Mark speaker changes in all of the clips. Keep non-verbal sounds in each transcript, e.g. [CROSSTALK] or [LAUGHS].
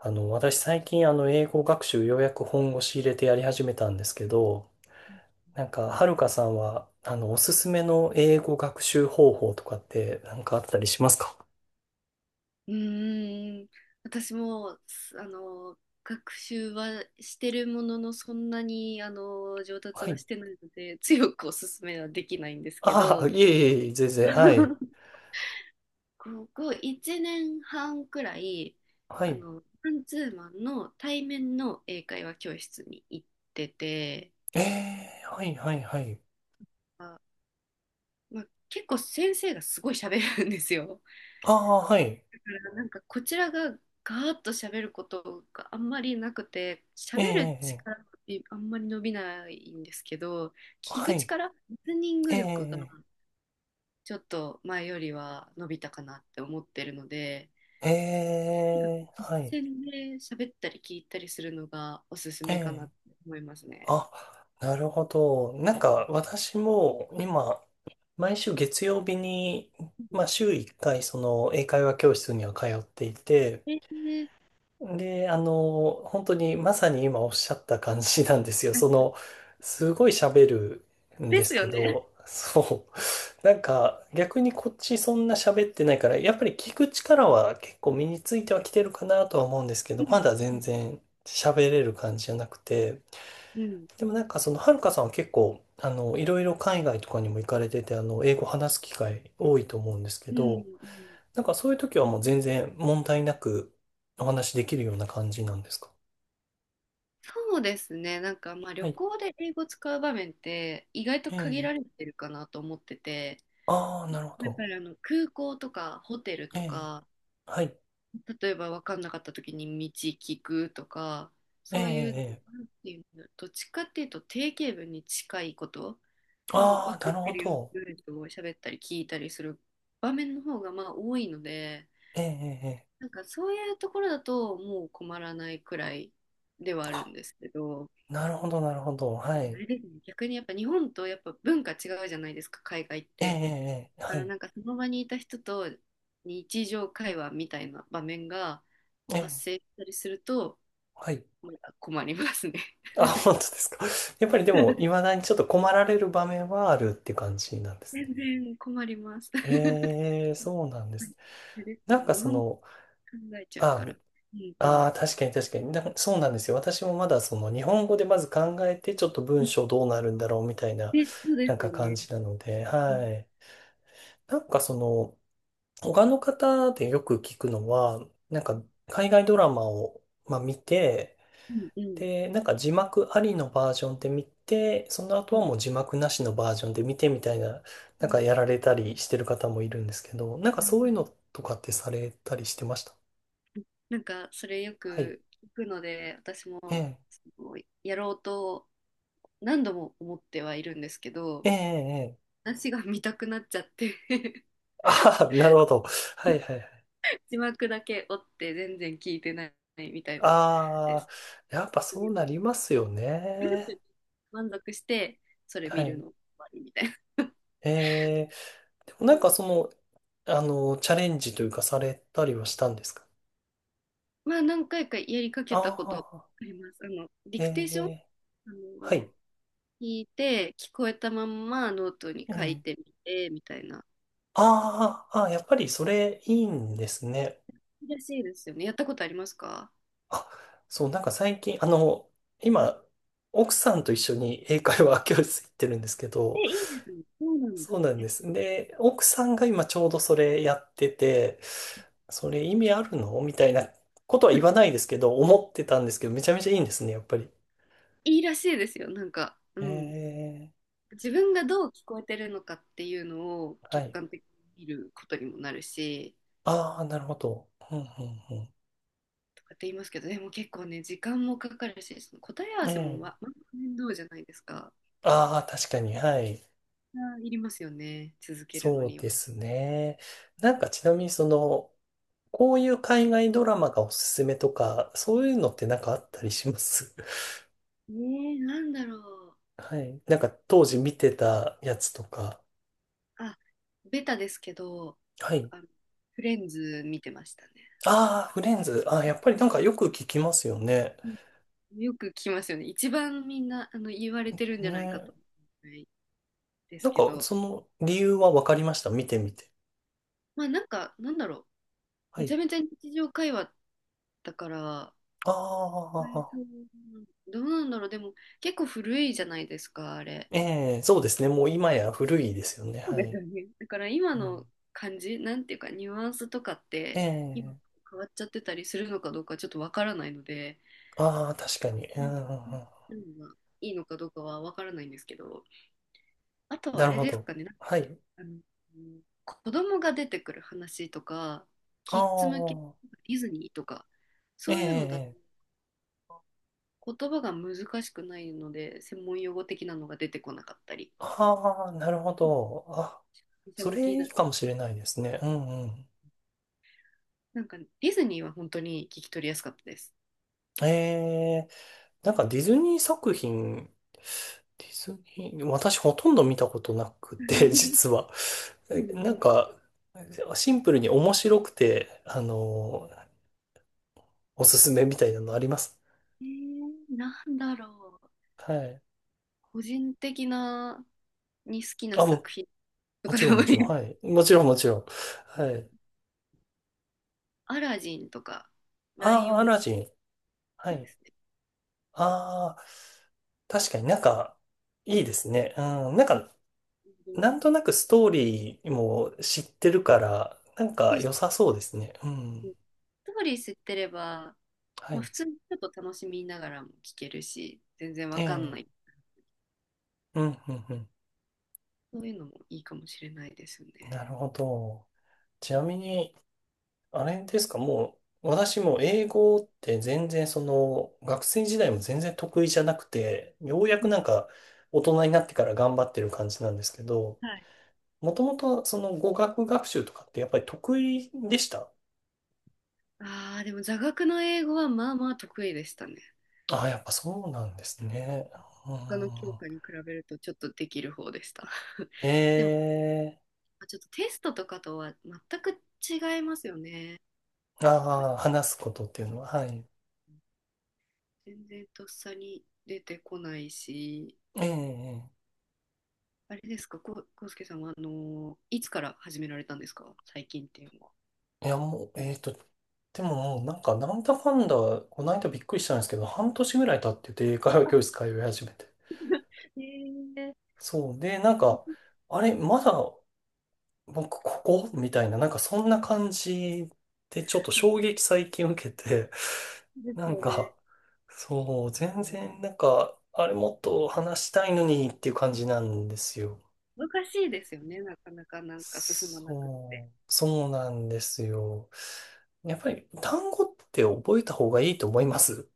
Speaker 1: 私最近英語学習ようやく本腰入れてやり始めたんですけど、はるかさんは、おすすめの英語学習方法とかってなんかあったりしますか？
Speaker 2: うーん、私も、すあの、学習はしてるものの、そんなに、上達
Speaker 1: は
Speaker 2: は
Speaker 1: い。
Speaker 2: してないので、強くおすすめはできないんですけ
Speaker 1: ああ、
Speaker 2: ど、
Speaker 1: いえいえいえ、全然、はい。
Speaker 2: [LAUGHS] ここ1年半くらい、
Speaker 1: はい。
Speaker 2: マンツーマンの対面の英会話教室に行ってて、
Speaker 1: ええ、はいはいはい。
Speaker 2: あ、まあ、結構先生がすごい喋るんですよ。
Speaker 1: ああ、はい。
Speaker 2: からなんかこちらがガーッと喋ることがあんまりなくて、
Speaker 1: え
Speaker 2: 喋る
Speaker 1: え、
Speaker 2: 力ってあんまり伸びないんですけど、聞
Speaker 1: は
Speaker 2: く
Speaker 1: い。
Speaker 2: 力、リスニン
Speaker 1: え
Speaker 2: グ力が
Speaker 1: え、
Speaker 2: ちょっと前よりは伸びたかなって思ってるので、
Speaker 1: ええ、はい。
Speaker 2: 実践で喋ったり聞いたりするのがおすす
Speaker 1: ええ、
Speaker 2: めかなって思いますね。
Speaker 1: あ、なるほど。私も今、毎週月曜日に、
Speaker 2: うん、
Speaker 1: まあ週1回その英会話教室には通っていて、
Speaker 2: えーね、
Speaker 1: で、本当にまさに今おっしゃった感じなんですよ。その、すごい喋るん
Speaker 2: で
Speaker 1: です
Speaker 2: す
Speaker 1: け
Speaker 2: よね。
Speaker 1: ど、[LAUGHS] そう。なんか逆にこっちそんな喋ってないから、やっぱり聞く力は結構身についてはきてるかなとは思うんですけ
Speaker 2: う
Speaker 1: ど、ま
Speaker 2: ん、
Speaker 1: だ
Speaker 2: う
Speaker 1: 全
Speaker 2: ん、
Speaker 1: 然喋れる感じじゃなくて、
Speaker 2: うん、
Speaker 1: でもその、はるかさんは結構、いろいろ海外とかにも行かれてて、英語話す機会多いと思うんですけ
Speaker 2: うん、う
Speaker 1: ど、
Speaker 2: ん、
Speaker 1: なんかそういう時はもう全然問題なくお話しできるような感じなんですか？
Speaker 2: そうですね。なんかまあ旅
Speaker 1: はい。
Speaker 2: 行で英語使う場面って意外と
Speaker 1: え
Speaker 2: 限られ
Speaker 1: え。
Speaker 2: てるかなと思ってて、
Speaker 1: ああ、なるほ
Speaker 2: やっぱ
Speaker 1: ど。
Speaker 2: り空港とかホテル
Speaker 1: え
Speaker 2: と
Speaker 1: え。
Speaker 2: か、
Speaker 1: はい。
Speaker 2: 例えば分かんなかった時に道聞くとか、
Speaker 1: え
Speaker 2: そういう、
Speaker 1: え。ええ、
Speaker 2: なんていうの、どっちかっていうと定型文に近いこと、もう分
Speaker 1: ああ、
Speaker 2: か
Speaker 1: な
Speaker 2: っ
Speaker 1: る
Speaker 2: て
Speaker 1: ほ
Speaker 2: るよ
Speaker 1: ど。
Speaker 2: うな文章を喋ったり聞いたりする場面の方がまあ多いので、
Speaker 1: ええ。ええ、ええ、
Speaker 2: なんかそういうところだともう困らないくらいではあるん
Speaker 1: あ、
Speaker 2: ですけど。
Speaker 1: なるほど、なるほど。
Speaker 2: あ
Speaker 1: はい。
Speaker 2: れですね、逆にやっぱ日本とやっぱ文化違うじゃないですか、海外っ
Speaker 1: ええ。
Speaker 2: て。
Speaker 1: ええ、ええ、
Speaker 2: だか
Speaker 1: は
Speaker 2: ら
Speaker 1: い。
Speaker 2: なんかその場にいた人と日常会話みたいな場面が
Speaker 1: え
Speaker 2: 発
Speaker 1: え。
Speaker 2: 生したりすると、
Speaker 1: はい。
Speaker 2: まだ困りますね。
Speaker 1: あ、本当ですか。やっぱりでも、
Speaker 2: [LAUGHS]
Speaker 1: いまだにちょっと困られる場面はあるって感じなんですね。
Speaker 2: 全然困ります。[LAUGHS]
Speaker 1: ええ、そうなんで
Speaker 2: はい、
Speaker 1: す。
Speaker 2: そうです
Speaker 1: なん
Speaker 2: ね、
Speaker 1: か
Speaker 2: 日
Speaker 1: そ
Speaker 2: 本語
Speaker 1: の、
Speaker 2: 考えちゃう
Speaker 1: あ、
Speaker 2: から。うん、う
Speaker 1: あー、確かに確かにな、そうなんですよ。私もまだその日本語でまず考えて、ちょっと文章
Speaker 2: ん。
Speaker 1: どうなるんだろうみたいな、
Speaker 2: で、そう
Speaker 1: な
Speaker 2: で
Speaker 1: ん
Speaker 2: す
Speaker 1: か
Speaker 2: よ
Speaker 1: 感
Speaker 2: ね。
Speaker 1: じなので、
Speaker 2: う
Speaker 1: は
Speaker 2: ん、
Speaker 1: い。なんかその、他の方でよく聞くのは、なんか海外ドラマを、まあ、見て、
Speaker 2: うん、うん、
Speaker 1: で、なんか字幕ありのバージョンで見て、その
Speaker 2: う
Speaker 1: 後
Speaker 2: ん、
Speaker 1: はもう字幕なしのバージョンで見てみたいな、
Speaker 2: う
Speaker 1: なんか
Speaker 2: ん、
Speaker 1: やられたりしてる方もいるんですけど、なんか
Speaker 2: なる
Speaker 1: そう
Speaker 2: ほ
Speaker 1: いう
Speaker 2: ど。
Speaker 1: のとかってされたりしてました？
Speaker 2: なんかそれよ
Speaker 1: はい。
Speaker 2: く聞くので、私
Speaker 1: え
Speaker 2: も
Speaker 1: え、
Speaker 2: そのやろうと何度も思ってはいるんですけど、
Speaker 1: ええ、ええ。
Speaker 2: 話が見たくなっちゃって [LAUGHS]
Speaker 1: あ [LAUGHS] あ、なるほど。はいはいはい。
Speaker 2: 字幕だけ追って全然聞いてないみたいなで
Speaker 1: ああ、
Speaker 2: す。
Speaker 1: やっぱそうなりますよね。
Speaker 2: 満足してそれ
Speaker 1: は
Speaker 2: 見る
Speaker 1: い。
Speaker 2: の終わりみたいな。
Speaker 1: ええ、でもそ
Speaker 2: [LAUGHS]
Speaker 1: の、チャレンジというかされたりはしたんですか？
Speaker 2: まあ何回かやりかけ
Speaker 1: あ
Speaker 2: たことあ
Speaker 1: あ
Speaker 2: ります。デ
Speaker 1: ー、
Speaker 2: ィ
Speaker 1: え
Speaker 2: クテーション、
Speaker 1: え、
Speaker 2: あ
Speaker 1: は
Speaker 2: の
Speaker 1: い。
Speaker 2: 聞いて聞こえたまんまノートに書い
Speaker 1: ええ、
Speaker 2: てみてみたいな。
Speaker 1: あーあー、やっぱりそれいいんですね。
Speaker 2: いいらしいですよね。やったことありますか？
Speaker 1: あ、そう、なんか最近、今、奥さんと一緒に英会話教室行ってるんですけ
Speaker 2: え、
Speaker 1: ど、
Speaker 2: いいですね。そうなんだ。
Speaker 1: そうなん
Speaker 2: え、
Speaker 1: です。で、奥さんが今ちょうどそれやってて、それ意味あるのみたいなことは言わないですけど、思ってたんですけど、めちゃめちゃいいんですね、やっぱり。
Speaker 2: いいらしいですよ。なんか、うん、
Speaker 1: え
Speaker 2: 自分がどう聞こえてるのかっていうのを
Speaker 1: ー、は
Speaker 2: 客
Speaker 1: い。
Speaker 2: 観的に見ることにもなるし、
Speaker 1: ああ、なるほど。うん、うん、
Speaker 2: とかって言いますけど、でも結構ね、時間もかかるし、その答え合
Speaker 1: う
Speaker 2: わ
Speaker 1: ん。え
Speaker 2: せも
Speaker 1: え。
Speaker 2: 面倒じゃないですか。
Speaker 1: ああ、確かに、はい。
Speaker 2: あ、いりますよね、続けるの
Speaker 1: そう
Speaker 2: には。
Speaker 1: ですね。ちなみに、こういう海外ドラマがおすすめとか、そういうのってなんかあったりします？
Speaker 2: ねえ、なんだろう。
Speaker 1: [LAUGHS] はい。なんか当時見てたやつとか。
Speaker 2: あ、ベタですけど、
Speaker 1: はい。
Speaker 2: あのフレンズ見てましたね。
Speaker 1: ああ、フレンズ。ああ、やっぱりなんかよく聞きますよね。
Speaker 2: うん、よく聞きますよね、一番みんな言われてるんじゃないか
Speaker 1: ね。
Speaker 2: と思うんです
Speaker 1: なん
Speaker 2: け
Speaker 1: か
Speaker 2: ど、
Speaker 1: その理由はわかりました。見てみて。
Speaker 2: まあ、なんか、なんだろう、
Speaker 1: は
Speaker 2: めち
Speaker 1: い。
Speaker 2: ゃめちゃ日常会話だから、
Speaker 1: ああ、
Speaker 2: そう、どうなんだろう。でも結構古いじゃないですか、あれ。
Speaker 1: ええ、そうですね。もう今や古いですよね。
Speaker 2: そう
Speaker 1: は
Speaker 2: です
Speaker 1: い。
Speaker 2: よね。だから今
Speaker 1: う
Speaker 2: の
Speaker 1: ん、
Speaker 2: 感じ、なんていうかニュアンスとかっ
Speaker 1: え
Speaker 2: て今
Speaker 1: え、
Speaker 2: 変わっちゃってたりするのかどうかちょっとわからないので、
Speaker 1: ああ、確かに。う
Speaker 2: う
Speaker 1: んう
Speaker 2: ん、
Speaker 1: ん
Speaker 2: そ
Speaker 1: うん、
Speaker 2: ういうのがいいのかどうかはわからないんですけど、あとは
Speaker 1: な
Speaker 2: あ
Speaker 1: る
Speaker 2: れ
Speaker 1: ほ
Speaker 2: です
Speaker 1: ど。
Speaker 2: かね、なんか
Speaker 1: はい。
Speaker 2: あの子供が出てくる話とか、
Speaker 1: あ
Speaker 2: キッズ向け、デ
Speaker 1: あ、
Speaker 2: ィズニーとか、
Speaker 1: え
Speaker 2: そういうのだと
Speaker 1: え、
Speaker 2: 言葉が難しくないので、専門用語的なのが出てこなかったり。
Speaker 1: ああ、なるほど。あ、
Speaker 2: 店
Speaker 1: そ
Speaker 2: 向き
Speaker 1: れいい
Speaker 2: だ。
Speaker 1: かもしれないですね。うんうん。
Speaker 2: なんか、ディズニーは本当に聞き取りやすかったです。
Speaker 1: えー、ディズニー作品、ディズニー、私ほとんど見たことなく
Speaker 2: [LAUGHS] う
Speaker 1: て、[LAUGHS]
Speaker 2: ん、
Speaker 1: 実は。
Speaker 2: う
Speaker 1: え、なん
Speaker 2: ん、
Speaker 1: か、シンプルに面白くて、おすすめみたいなのあります？
Speaker 2: えなんだろう。
Speaker 1: はい。
Speaker 2: 個人的なに好きな
Speaker 1: あ、
Speaker 2: 作
Speaker 1: も、
Speaker 2: 品と
Speaker 1: も
Speaker 2: か
Speaker 1: ち
Speaker 2: で
Speaker 1: ろん
Speaker 2: も
Speaker 1: も
Speaker 2: い
Speaker 1: ちろん。
Speaker 2: い。
Speaker 1: はい。もちろんもちろん。はい。
Speaker 2: [LAUGHS] アラジンとか、ライ
Speaker 1: ああ、
Speaker 2: オ
Speaker 1: ア
Speaker 2: ン
Speaker 1: ラジン。は
Speaker 2: キングで
Speaker 1: い。
Speaker 2: すね。
Speaker 1: ああ、確かになんか、いいですね。うん。なんか、
Speaker 2: うん、
Speaker 1: なんとなくストーリーも知ってるから、なん
Speaker 2: そ
Speaker 1: か
Speaker 2: うそ
Speaker 1: 良
Speaker 2: う
Speaker 1: さそうですね。う
Speaker 2: そ
Speaker 1: ん。
Speaker 2: う。ストーリー知ってれば、
Speaker 1: は
Speaker 2: まあ、
Speaker 1: い。
Speaker 2: 普通にちょっと楽しみながらも聞けるし、全然わ
Speaker 1: え
Speaker 2: かんな
Speaker 1: え。
Speaker 2: い。
Speaker 1: うん、うん、うん。
Speaker 2: そういうのもいいかもしれないですよ
Speaker 1: なる
Speaker 2: ね。
Speaker 1: ほど。ち
Speaker 2: う
Speaker 1: な
Speaker 2: ん、
Speaker 1: みに、あれですか、もう、私も英語って全然その、学生時代も全然得意じゃなくて、ようや
Speaker 2: う
Speaker 1: く
Speaker 2: ん、
Speaker 1: なんか大人になってから頑張ってる感じなんですけど、
Speaker 2: はい。
Speaker 1: もともとその語学学習とかってやっぱり得意でした？
Speaker 2: ああ、でも座学の英語はまあまあ得意でしたね。
Speaker 1: ああ、やっぱそうなんですね。う
Speaker 2: 他の教
Speaker 1: ん。
Speaker 2: 科に比べるとちょっとできる方でした。[LAUGHS]
Speaker 1: え
Speaker 2: でも、
Speaker 1: え。
Speaker 2: ちょっとテストとかとは全く違いますよね。これ
Speaker 1: ああ、話すことっていうのは、はい。
Speaker 2: 全然とっさに出てこないし、
Speaker 1: ええ、え
Speaker 2: あれですか、こうすけさんは、いつから始められたんですか、最近っていうのは。
Speaker 1: え、いや、もう、えっと、でももうなんか、なんだかんだ、この間びっくりしたんですけど、半年ぐらい経ってて、英会話教室通い始めて。
Speaker 2: [LAUGHS] えー、
Speaker 1: そう。で、なんか、あれ、まだ、僕、ここみたいな、なんか、そんな感じで、ちょっと衝撃最近受けて、
Speaker 2: で
Speaker 1: な
Speaker 2: す
Speaker 1: ん
Speaker 2: よね。
Speaker 1: か、そう、全然、なんか、あれ、もっと話したいのにっていう感じなんですよ。
Speaker 2: 難しいですよね、なかなかなんか進まなくって。
Speaker 1: そう、そうなんですよ。やっぱり単語って覚えた方がいいと思います、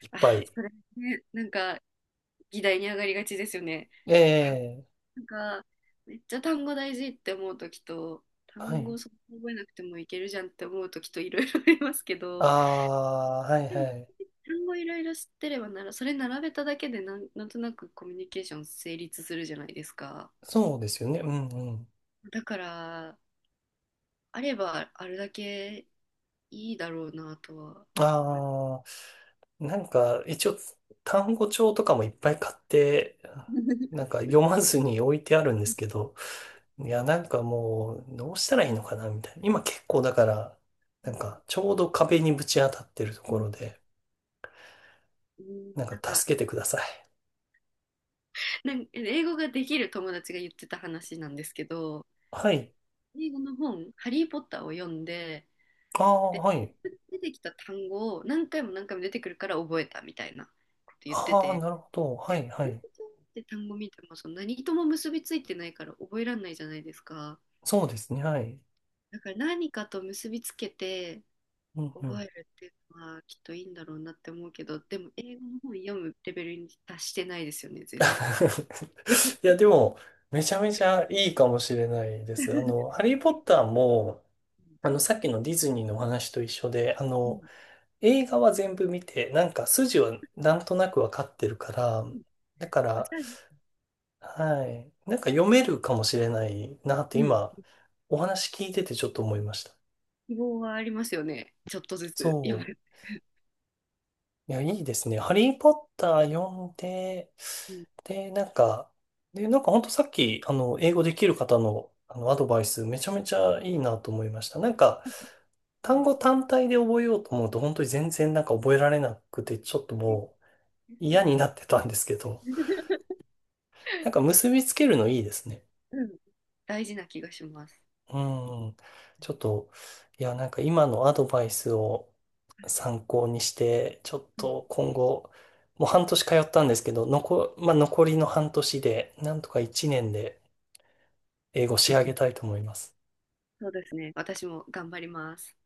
Speaker 1: いっ
Speaker 2: あ
Speaker 1: ぱ
Speaker 2: あ、
Speaker 1: い。
Speaker 2: それね、なんか議題に上がりがちですよね。
Speaker 1: ええ、
Speaker 2: なんか、めっちゃ単語大事って思う時と、
Speaker 1: は
Speaker 2: 単
Speaker 1: い。
Speaker 2: 語そんな覚えなくてもいけるじゃんって思う時といろいろありますけ
Speaker 1: あ
Speaker 2: ど、
Speaker 1: あ、はい
Speaker 2: で
Speaker 1: は
Speaker 2: も
Speaker 1: い。
Speaker 2: 単語いろいろ知ってればなら、それ並べただけで、なんとなくコミュニケーション成立するじゃないですか。
Speaker 1: そうですよね。うんうん。
Speaker 2: だから、あればあるだけいいだろうなとは思います。
Speaker 1: ああ、なんか一応単語帳とかもいっぱい買って、なんか読まずに置いてあるんですけど、いや、なんかもうどうしたらいいのかなみたいな。今結構だから、
Speaker 2: う
Speaker 1: な
Speaker 2: ん、
Speaker 1: んかちょうど壁にぶち当たってるところで、
Speaker 2: うん、
Speaker 1: なん
Speaker 2: なん
Speaker 1: か
Speaker 2: か、
Speaker 1: 助けてください。
Speaker 2: 英語ができる友達が言ってた話なんですけど、
Speaker 1: はい。
Speaker 2: 英語の本、ハリー・ポッターを読んで、
Speaker 1: ああ、
Speaker 2: で、
Speaker 1: はい。
Speaker 2: 出てきた単語を何回も何回も出てくるから覚えたみたいなこと言って
Speaker 1: ああ、
Speaker 2: て、
Speaker 1: なるほど。は
Speaker 2: で、
Speaker 1: い、は
Speaker 2: 単語
Speaker 1: い。
Speaker 2: って単語見てもその何とも結びついてないから覚えられないじゃないですか。
Speaker 1: そうですね、はい。
Speaker 2: だから何かと結びつけて
Speaker 1: うんう
Speaker 2: 覚
Speaker 1: ん。
Speaker 2: えるっていうのはきっといいんだろうなって思うけど、でも英語の本読むレベルに達してないですよね、全然。
Speaker 1: [LAUGHS] いや、でも、めちゃめちゃいいかもしれないです。ハ
Speaker 2: [LAUGHS]
Speaker 1: リー・ポッターも、さっきのディズニーのお話と一緒で、
Speaker 2: うん、
Speaker 1: 映画は全部見て、なんか筋はなんとなくわかってるから、
Speaker 2: うん、
Speaker 1: だから、
Speaker 2: じゃあ、
Speaker 1: はい。なんか読めるかもしれないなって
Speaker 2: うん、
Speaker 1: 今、お話聞いててちょっと思いました。
Speaker 2: 希望はありますよね、ちょっとずつ読
Speaker 1: そ
Speaker 2: む。
Speaker 1: う。いや、いいですね。ハリーポッター読んで、
Speaker 2: うん、
Speaker 1: で、なんか、で、なんかほんとさっき、英語できる方の、アドバイス、めちゃめちゃいいなと思いました。なんか、
Speaker 2: う
Speaker 1: 単
Speaker 2: ん、
Speaker 1: 語単体で覚えようと思うと、本当に全然なんか覚えられなくて、ちょっとも
Speaker 2: で
Speaker 1: う
Speaker 2: すよ
Speaker 1: 嫌になってたんですけど、
Speaker 2: ね。
Speaker 1: なんか結びつけるのいいですね。
Speaker 2: うん、大事な気がします。
Speaker 1: うん。ちょっと、いや、なんか今のアドバイスを参考にして、ちょっ
Speaker 2: うん、
Speaker 1: と今後、もう半年通ったんですけど、残、まあ、残りの半年で、なんとか1年で英語仕上げたいと思います。
Speaker 2: そうですね。私も頑張ります。